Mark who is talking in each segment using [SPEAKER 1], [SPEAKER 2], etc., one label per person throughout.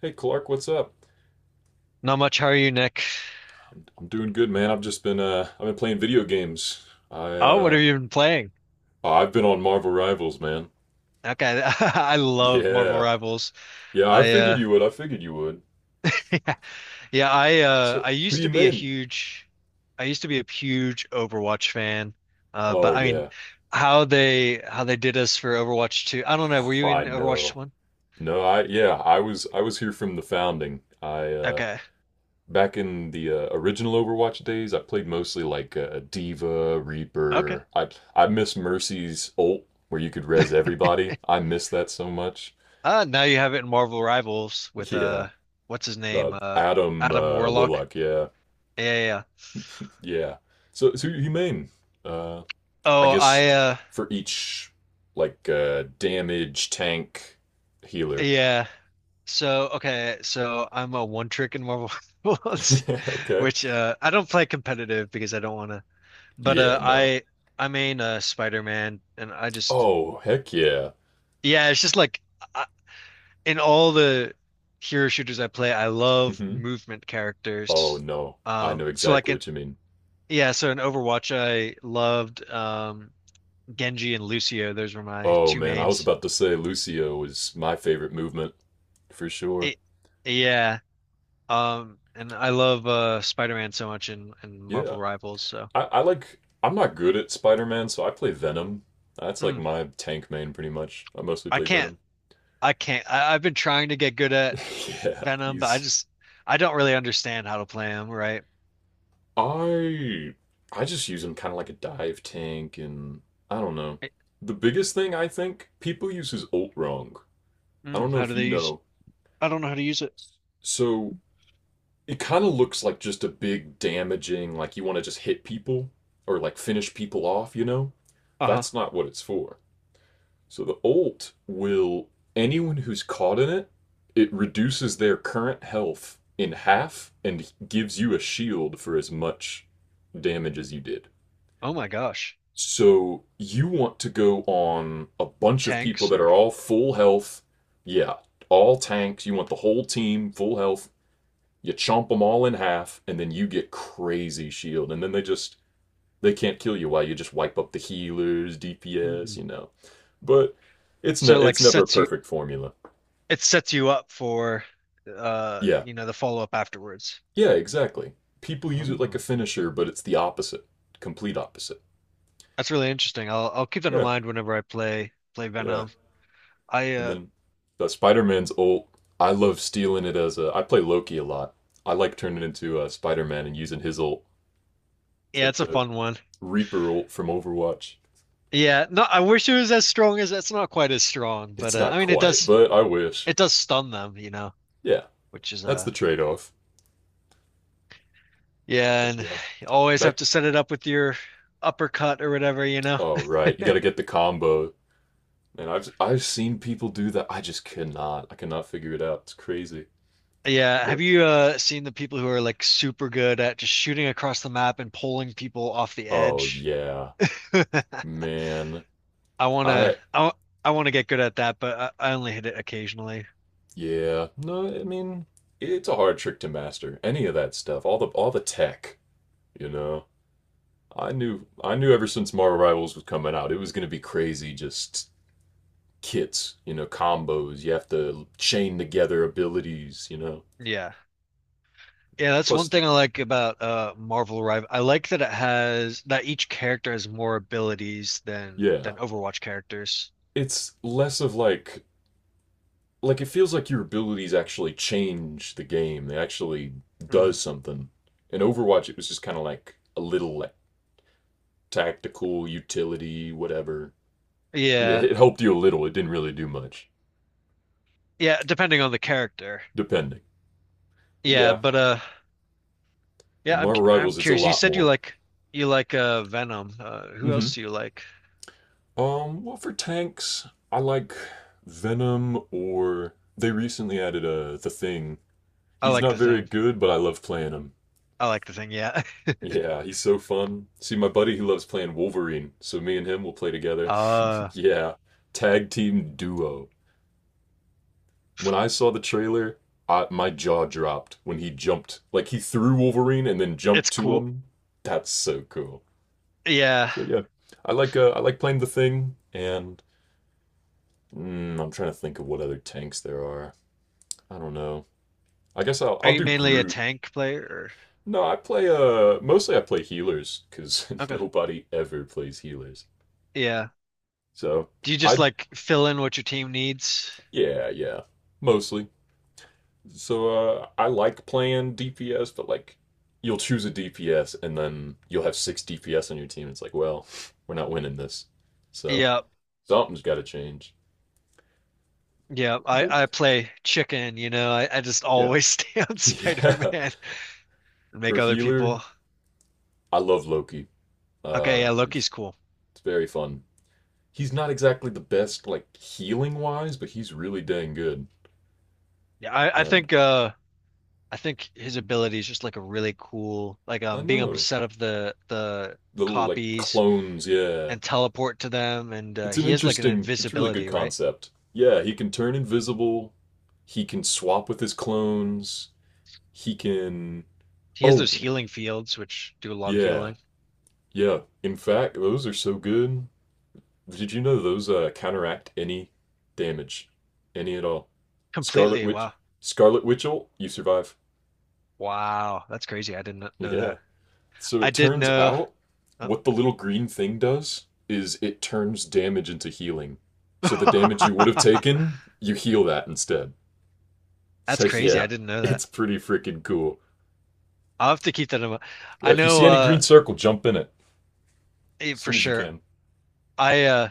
[SPEAKER 1] Hey Clark, what's up?
[SPEAKER 2] Not much. How are you, Nick?
[SPEAKER 1] I'm doing good, man. I've just been I've been playing video games. I
[SPEAKER 2] Oh, what
[SPEAKER 1] uh
[SPEAKER 2] have you been playing?
[SPEAKER 1] Oh, I've been on Marvel Rivals, man.
[SPEAKER 2] Okay, I love Marvel
[SPEAKER 1] Yeah.
[SPEAKER 2] Rivals.
[SPEAKER 1] Yeah, I
[SPEAKER 2] I
[SPEAKER 1] figured you would. I figured you would.
[SPEAKER 2] yeah, yeah,
[SPEAKER 1] So,
[SPEAKER 2] I
[SPEAKER 1] who
[SPEAKER 2] used
[SPEAKER 1] do
[SPEAKER 2] to
[SPEAKER 1] you
[SPEAKER 2] be a
[SPEAKER 1] mean?
[SPEAKER 2] huge I used to be a huge Overwatch fan. Uh
[SPEAKER 1] Oh
[SPEAKER 2] but I mean
[SPEAKER 1] yeah.
[SPEAKER 2] how they did us for Overwatch 2. I don't know, were you
[SPEAKER 1] Oh,
[SPEAKER 2] in
[SPEAKER 1] I
[SPEAKER 2] Overwatch
[SPEAKER 1] know.
[SPEAKER 2] 1?
[SPEAKER 1] No, I Yeah, I was here from the founding. I
[SPEAKER 2] Okay.
[SPEAKER 1] Back in the original Overwatch days, I played mostly like Diva,
[SPEAKER 2] Okay.
[SPEAKER 1] Reaper. I miss Mercy's ult where you could res everybody. I miss that so much.
[SPEAKER 2] Now you have it in Marvel Rivals with
[SPEAKER 1] Yeah.
[SPEAKER 2] uh What's his name?
[SPEAKER 1] Adam
[SPEAKER 2] Adam Warlock.
[SPEAKER 1] Woodlock. Yeah,
[SPEAKER 2] Yeah, yeah, yeah.
[SPEAKER 1] yeah. So so humane. Uh, I
[SPEAKER 2] Oh,
[SPEAKER 1] guess
[SPEAKER 2] I
[SPEAKER 1] for each like damage, tank, healer.
[SPEAKER 2] Yeah. So okay, so I'm a one trick in Marvel Rivals,
[SPEAKER 1] Okay.
[SPEAKER 2] which I don't play competitive because I don't wanna. But
[SPEAKER 1] Yeah.
[SPEAKER 2] uh
[SPEAKER 1] No.
[SPEAKER 2] I I main Spider-Man and I just
[SPEAKER 1] Oh heck yeah.
[SPEAKER 2] yeah, it's just like I, in all the hero shooters I play, I love
[SPEAKER 1] Hmm.
[SPEAKER 2] movement
[SPEAKER 1] Oh
[SPEAKER 2] characters.
[SPEAKER 1] no. I know
[SPEAKER 2] So like
[SPEAKER 1] exactly
[SPEAKER 2] in
[SPEAKER 1] what you mean.
[SPEAKER 2] Yeah, so in Overwatch I loved Genji and Lucio. Those were my
[SPEAKER 1] Oh
[SPEAKER 2] two
[SPEAKER 1] man, I was
[SPEAKER 2] mains.
[SPEAKER 1] about to say Lucio was my favorite movement for sure.
[SPEAKER 2] It, yeah. And I love Spider-Man so much in and
[SPEAKER 1] Yeah.
[SPEAKER 2] Marvel Rivals, so
[SPEAKER 1] I like. I'm not good at Spider Man, so I play Venom. That's like
[SPEAKER 2] mm,
[SPEAKER 1] my tank main pretty much. I mostly
[SPEAKER 2] I
[SPEAKER 1] play
[SPEAKER 2] can't
[SPEAKER 1] Venom.
[SPEAKER 2] I can't. I've been trying to get good at
[SPEAKER 1] Yeah,
[SPEAKER 2] Venom, but I
[SPEAKER 1] he's.
[SPEAKER 2] just I don't really understand how to play him, right?
[SPEAKER 1] I I just use him kind of like a dive tank, and I don't know.
[SPEAKER 2] I-
[SPEAKER 1] The biggest thing, I think people use his ult wrong. I don't
[SPEAKER 2] mm,
[SPEAKER 1] know
[SPEAKER 2] how
[SPEAKER 1] if
[SPEAKER 2] do
[SPEAKER 1] you
[SPEAKER 2] they use
[SPEAKER 1] know.
[SPEAKER 2] I don't know how to use it.
[SPEAKER 1] So it kind of looks like just a big damaging, like you want to just hit people or like finish people off. You know,
[SPEAKER 2] Uh-huh.
[SPEAKER 1] that's not what it's for. So the ult will, anyone who's caught in it, it reduces their current health in half and gives you a shield for as much damage as you did.
[SPEAKER 2] Oh my gosh.
[SPEAKER 1] So you want to go on a bunch of people
[SPEAKER 2] Tanks
[SPEAKER 1] that
[SPEAKER 2] or
[SPEAKER 1] are all full health. Yeah, all tanks. You want the whole team full health. You chomp them all in half, and then you get crazy shield, and then they just they can't kill you while you just wipe up the healers, DPS,
[SPEAKER 2] mm.
[SPEAKER 1] you know. But
[SPEAKER 2] So it, like
[SPEAKER 1] it's never a
[SPEAKER 2] sets you
[SPEAKER 1] perfect formula.
[SPEAKER 2] it sets you up for
[SPEAKER 1] Yeah.
[SPEAKER 2] you know the follow-up afterwards.
[SPEAKER 1] Yeah, exactly. People use it like a
[SPEAKER 2] Oh.
[SPEAKER 1] finisher, but it's the opposite. Complete opposite.
[SPEAKER 2] That's really interesting. I'll keep that in
[SPEAKER 1] Yeah.
[SPEAKER 2] mind whenever I play
[SPEAKER 1] Yeah.
[SPEAKER 2] Venom. I
[SPEAKER 1] And then the Spider-Man's ult, I love stealing it as a I play Loki a lot. I like turning it into Spider-Man and using his ult. It's
[SPEAKER 2] Yeah,
[SPEAKER 1] like
[SPEAKER 2] it's a
[SPEAKER 1] the
[SPEAKER 2] fun one.
[SPEAKER 1] Reaper ult from Overwatch.
[SPEAKER 2] Yeah, no, I wish it was as strong as it's not quite as strong,
[SPEAKER 1] It's
[SPEAKER 2] but
[SPEAKER 1] not
[SPEAKER 2] I mean it
[SPEAKER 1] quite,
[SPEAKER 2] does
[SPEAKER 1] but I wish.
[SPEAKER 2] it does stun them, you know,
[SPEAKER 1] Yeah,
[SPEAKER 2] which is
[SPEAKER 1] that's the trade-off. But
[SPEAKER 2] yeah, and
[SPEAKER 1] yeah,
[SPEAKER 2] you always have
[SPEAKER 1] back
[SPEAKER 2] to set it up with your uppercut or whatever, you know.
[SPEAKER 1] Oh right, you got to get the combo. And I've seen people do that. I just cannot. I cannot figure it out. It's crazy.
[SPEAKER 2] Yeah, have
[SPEAKER 1] But
[SPEAKER 2] you seen the people who are like super good at just shooting across the map and pulling people off the
[SPEAKER 1] oh
[SPEAKER 2] edge?
[SPEAKER 1] yeah, man.
[SPEAKER 2] I wanna
[SPEAKER 1] I
[SPEAKER 2] I I wanna get good at that, but I only hit it occasionally.
[SPEAKER 1] yeah. No, I mean it's a hard trick to master. Any of that stuff, all the tech, you know. I knew ever since Marvel Rivals was coming out, it was going to be crazy just kits, you know, combos. You have to chain together abilities, you know.
[SPEAKER 2] Yeah. Yeah, that's
[SPEAKER 1] Plus
[SPEAKER 2] one
[SPEAKER 1] the,
[SPEAKER 2] thing I like about Marvel Rival. I like that it has that each character has more abilities than
[SPEAKER 1] yeah,
[SPEAKER 2] Overwatch characters.
[SPEAKER 1] it's less of like it feels like your abilities actually change the game. They actually
[SPEAKER 2] Mm.
[SPEAKER 1] does something. In Overwatch, it was just kind of like a little like tactical utility, whatever. It,
[SPEAKER 2] Yeah.
[SPEAKER 1] it helped you a little. It didn't really do much,
[SPEAKER 2] Yeah, depending on the character.
[SPEAKER 1] depending. But
[SPEAKER 2] Yeah,
[SPEAKER 1] yeah,
[SPEAKER 2] but yeah,
[SPEAKER 1] in
[SPEAKER 2] I'm cu-
[SPEAKER 1] Marvel
[SPEAKER 2] I'm
[SPEAKER 1] Rivals, it's a
[SPEAKER 2] curious. You
[SPEAKER 1] lot
[SPEAKER 2] said you
[SPEAKER 1] more.
[SPEAKER 2] like you like uh Venom. Who
[SPEAKER 1] Mm-hmm.
[SPEAKER 2] else do you like?
[SPEAKER 1] Well, for tanks, I like Venom, or they recently added the Thing.
[SPEAKER 2] I
[SPEAKER 1] He's
[SPEAKER 2] like
[SPEAKER 1] not
[SPEAKER 2] the
[SPEAKER 1] very
[SPEAKER 2] Thing.
[SPEAKER 1] good, but I love playing him.
[SPEAKER 2] I like the Thing, yeah.
[SPEAKER 1] Yeah, he's so fun. See, my buddy, he loves playing Wolverine, so me and him will play together.
[SPEAKER 2] Uh
[SPEAKER 1] Yeah, tag team duo. When I saw the trailer, my jaw dropped when he jumped. Like he threw Wolverine and then jumped
[SPEAKER 2] it's
[SPEAKER 1] to
[SPEAKER 2] cool.
[SPEAKER 1] him. That's so cool.
[SPEAKER 2] Yeah.
[SPEAKER 1] So yeah, I like playing the Thing, and mm, I'm trying to think of what other tanks there are. I don't know. I guess I'll
[SPEAKER 2] Are
[SPEAKER 1] I'll
[SPEAKER 2] you
[SPEAKER 1] do
[SPEAKER 2] mainly a
[SPEAKER 1] Groot.
[SPEAKER 2] tank player
[SPEAKER 1] No, I play mostly I play healers because
[SPEAKER 2] or okay.
[SPEAKER 1] nobody ever plays healers.
[SPEAKER 2] Yeah.
[SPEAKER 1] So.
[SPEAKER 2] Do you just
[SPEAKER 1] I
[SPEAKER 2] like fill in what your team needs?
[SPEAKER 1] Yeah, yeah. Mostly. So I like playing DPS, but like you'll choose a DPS and then you'll have six DPS on your team. It's like, well, we're not winning this. So
[SPEAKER 2] Yeah.
[SPEAKER 1] something's got to change.
[SPEAKER 2] Yeah, I
[SPEAKER 1] But
[SPEAKER 2] play chicken, you know. I just
[SPEAKER 1] yeah,
[SPEAKER 2] always stay on
[SPEAKER 1] yeah.
[SPEAKER 2] Spider-Man and
[SPEAKER 1] For
[SPEAKER 2] make other
[SPEAKER 1] healer,
[SPEAKER 2] people.
[SPEAKER 1] I love Loki.
[SPEAKER 2] Okay,
[SPEAKER 1] Uh,
[SPEAKER 2] yeah,
[SPEAKER 1] it's
[SPEAKER 2] Loki's cool.
[SPEAKER 1] it's very fun. He's not exactly the best like healing wise, but he's really dang good.
[SPEAKER 2] Yeah, I, I
[SPEAKER 1] And
[SPEAKER 2] think uh I think his ability is just like a really cool like
[SPEAKER 1] I
[SPEAKER 2] being able to
[SPEAKER 1] know
[SPEAKER 2] set up the
[SPEAKER 1] the little like
[SPEAKER 2] copies
[SPEAKER 1] clones, yeah.
[SPEAKER 2] and teleport to them and
[SPEAKER 1] It's an
[SPEAKER 2] he has like an
[SPEAKER 1] interesting, it's really good
[SPEAKER 2] invisibility, right?
[SPEAKER 1] concept. Yeah, he can turn invisible. He can swap with his clones. He can.
[SPEAKER 2] He has those
[SPEAKER 1] Oh,
[SPEAKER 2] healing fields which do a lot of
[SPEAKER 1] yeah,
[SPEAKER 2] healing.
[SPEAKER 1] yeah. In fact, those are so good. Did you know those counteract any damage, any at all? Scarlet
[SPEAKER 2] Completely.
[SPEAKER 1] Witch,
[SPEAKER 2] Wow.
[SPEAKER 1] Scarlet Witchel, you survive.
[SPEAKER 2] Wow, that's crazy. I didn't know
[SPEAKER 1] Yeah.
[SPEAKER 2] that.
[SPEAKER 1] So
[SPEAKER 2] I
[SPEAKER 1] it
[SPEAKER 2] did
[SPEAKER 1] turns
[SPEAKER 2] know.
[SPEAKER 1] out
[SPEAKER 2] Oh.
[SPEAKER 1] what the little green thing does is it turns damage into healing. So the damage you would have taken, you heal that instead. So
[SPEAKER 2] That's crazy. I
[SPEAKER 1] yeah,
[SPEAKER 2] didn't know that.
[SPEAKER 1] it's pretty freaking cool.
[SPEAKER 2] I'll have to keep that in mind.
[SPEAKER 1] Yeah,
[SPEAKER 2] I
[SPEAKER 1] if you
[SPEAKER 2] know
[SPEAKER 1] see any green circle, jump in it
[SPEAKER 2] Eh,
[SPEAKER 1] as
[SPEAKER 2] for
[SPEAKER 1] soon as you
[SPEAKER 2] sure.
[SPEAKER 1] can.
[SPEAKER 2] I uh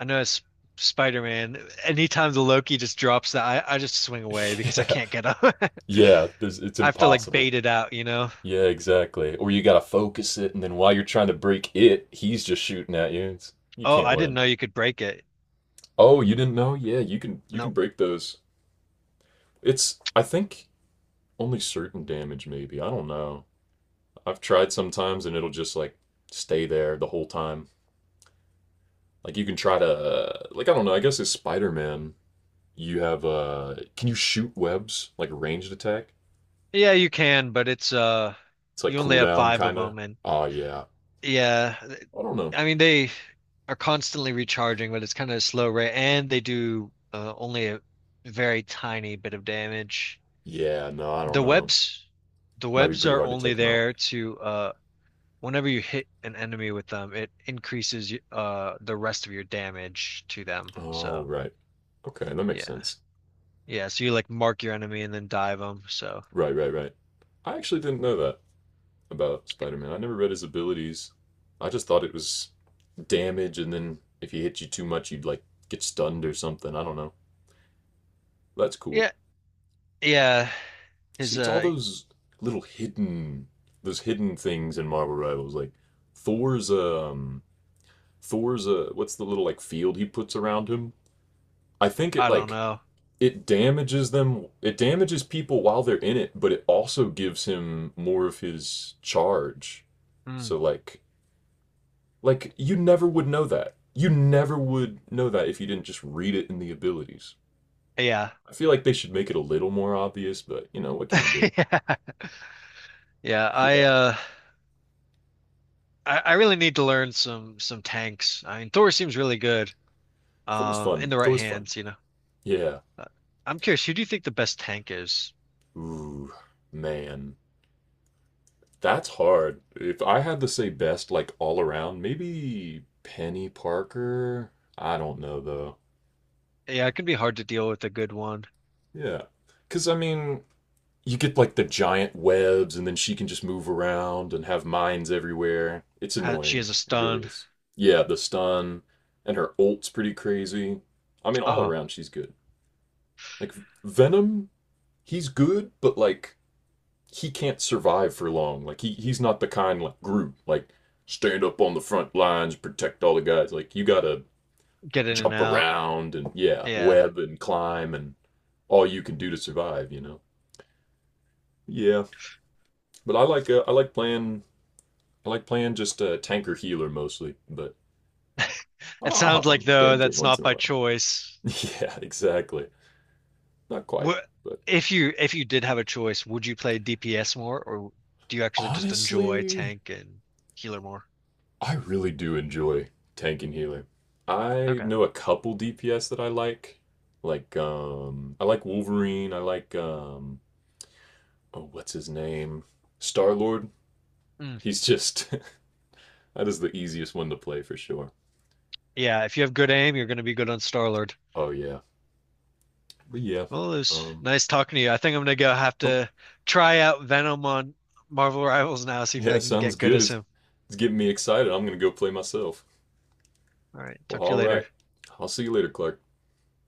[SPEAKER 2] I know as Spider-Man, anytime the Loki just drops that, I just swing away because I
[SPEAKER 1] Yeah,
[SPEAKER 2] can't get up.
[SPEAKER 1] it's
[SPEAKER 2] I have to like
[SPEAKER 1] impossible.
[SPEAKER 2] bait it out, you know?
[SPEAKER 1] Yeah, exactly. Or you gotta focus it, and then while you're trying to break it, he's just shooting at you. You
[SPEAKER 2] Oh,
[SPEAKER 1] can't
[SPEAKER 2] I didn't
[SPEAKER 1] win.
[SPEAKER 2] know you could break it.
[SPEAKER 1] Oh, you didn't know? Yeah, you can. You can
[SPEAKER 2] Nope.
[SPEAKER 1] break those. It's I think only certain damage, maybe. I don't know. I've tried sometimes, and it'll just like stay there the whole time. Like you can try to like I don't know. I guess it's Spider Man. You have can you shoot webs like a ranged attack?
[SPEAKER 2] Yeah, you can, but it's
[SPEAKER 1] It's like
[SPEAKER 2] you only have
[SPEAKER 1] cooldown
[SPEAKER 2] five of
[SPEAKER 1] kinda.
[SPEAKER 2] them and
[SPEAKER 1] Oh yeah.
[SPEAKER 2] yeah,
[SPEAKER 1] I don't know.
[SPEAKER 2] I mean they are constantly recharging, but it's kind of a slow rate and they do only a very tiny bit of damage.
[SPEAKER 1] Yeah, no, I don't
[SPEAKER 2] The
[SPEAKER 1] know.
[SPEAKER 2] webs, the
[SPEAKER 1] Might be
[SPEAKER 2] webs
[SPEAKER 1] pretty
[SPEAKER 2] are
[SPEAKER 1] hard to
[SPEAKER 2] only
[SPEAKER 1] take them out.
[SPEAKER 2] there to whenever you hit an enemy with them, it increases the rest of your damage to them.
[SPEAKER 1] Oh
[SPEAKER 2] So
[SPEAKER 1] right. Okay, that makes
[SPEAKER 2] yeah,
[SPEAKER 1] sense.
[SPEAKER 2] yeah. So you like mark your enemy and then dive them. So
[SPEAKER 1] Right, right, right. I actually didn't know that about Spider Man. I never read his abilities. I just thought it was damage, and then if he hit you too much you'd like get stunned or something. I don't know. That's cool.
[SPEAKER 2] yeah, yeah.
[SPEAKER 1] See,
[SPEAKER 2] Is
[SPEAKER 1] it's all those little hidden those hidden things in Marvel Rivals. Like Thor's um Thor's what's the little like field he puts around him? I think it
[SPEAKER 2] I don't
[SPEAKER 1] like
[SPEAKER 2] know.
[SPEAKER 1] it damages people while they're in it, but it also gives him more of his charge.
[SPEAKER 2] Mm,
[SPEAKER 1] So like you never would know that. You never would know that if you didn't just read it in the abilities.
[SPEAKER 2] yeah,
[SPEAKER 1] I feel like they should make it a little more obvious, but you know, what can you do?
[SPEAKER 2] yeah, yeah. I
[SPEAKER 1] Yeah.
[SPEAKER 2] uh I, I really need to learn some tanks. I mean, Thor seems really good
[SPEAKER 1] Thor's
[SPEAKER 2] in
[SPEAKER 1] fun.
[SPEAKER 2] the right
[SPEAKER 1] Thor's fun.
[SPEAKER 2] hands, you know.
[SPEAKER 1] Yeah.
[SPEAKER 2] Uh, I'm curious, who do you think the best tank is?
[SPEAKER 1] Ooh, man. That's hard. If I had to say best, like all around, maybe Penny Parker. I don't know though.
[SPEAKER 2] Yeah, it can be hard to deal with a good one.
[SPEAKER 1] Yeah. Because, I mean, you get like the giant webs and then she can just move around and have mines everywhere. It's
[SPEAKER 2] She
[SPEAKER 1] annoying.
[SPEAKER 2] has a
[SPEAKER 1] It really
[SPEAKER 2] stun.
[SPEAKER 1] is. Yeah, the stun and her ult's pretty crazy. I mean, all
[SPEAKER 2] Uh-huh.
[SPEAKER 1] around, she's good. Like, Venom, he's good, but like, he can't survive for long. Like he's not the kind like Groot, like stand up on the front lines, protect all the guys. Like you gotta
[SPEAKER 2] Get in and
[SPEAKER 1] jump
[SPEAKER 2] out.
[SPEAKER 1] around and yeah,
[SPEAKER 2] Yeah.
[SPEAKER 1] web and climb and all you can do to survive. You know. Yeah, but I like I like playing just a tanker healer mostly, but
[SPEAKER 2] It
[SPEAKER 1] I'll
[SPEAKER 2] sounds
[SPEAKER 1] hop
[SPEAKER 2] like
[SPEAKER 1] on
[SPEAKER 2] though
[SPEAKER 1] damage every
[SPEAKER 2] that's
[SPEAKER 1] once
[SPEAKER 2] not
[SPEAKER 1] in a
[SPEAKER 2] by
[SPEAKER 1] while.
[SPEAKER 2] choice.
[SPEAKER 1] Yeah, exactly. Not quite,
[SPEAKER 2] Wh-
[SPEAKER 1] but
[SPEAKER 2] If you did have a choice, would you play DPS more or do you actually just enjoy
[SPEAKER 1] honestly,
[SPEAKER 2] tank and healer more?
[SPEAKER 1] I really do enjoy tank and healer. I
[SPEAKER 2] Okay.
[SPEAKER 1] know a couple DPS that I like. Like I like Wolverine, I like oh what's his name? Star Lord.
[SPEAKER 2] Mm.
[SPEAKER 1] He's just that is the easiest one to play for sure.
[SPEAKER 2] Yeah, if you have good aim, you're going to be good on Star-Lord.
[SPEAKER 1] Oh yeah. But yeah.
[SPEAKER 2] Well, it was
[SPEAKER 1] Um
[SPEAKER 2] nice talking to you. I think I'm going to go have
[SPEAKER 1] oh
[SPEAKER 2] to try out Venom on Marvel Rivals now, see if
[SPEAKER 1] yeah,
[SPEAKER 2] I can
[SPEAKER 1] sounds
[SPEAKER 2] get good
[SPEAKER 1] good.
[SPEAKER 2] as him.
[SPEAKER 1] It's getting me excited. I'm gonna go play myself.
[SPEAKER 2] All right,
[SPEAKER 1] Well
[SPEAKER 2] talk to you
[SPEAKER 1] all
[SPEAKER 2] later.
[SPEAKER 1] right. I'll see you later, Clark.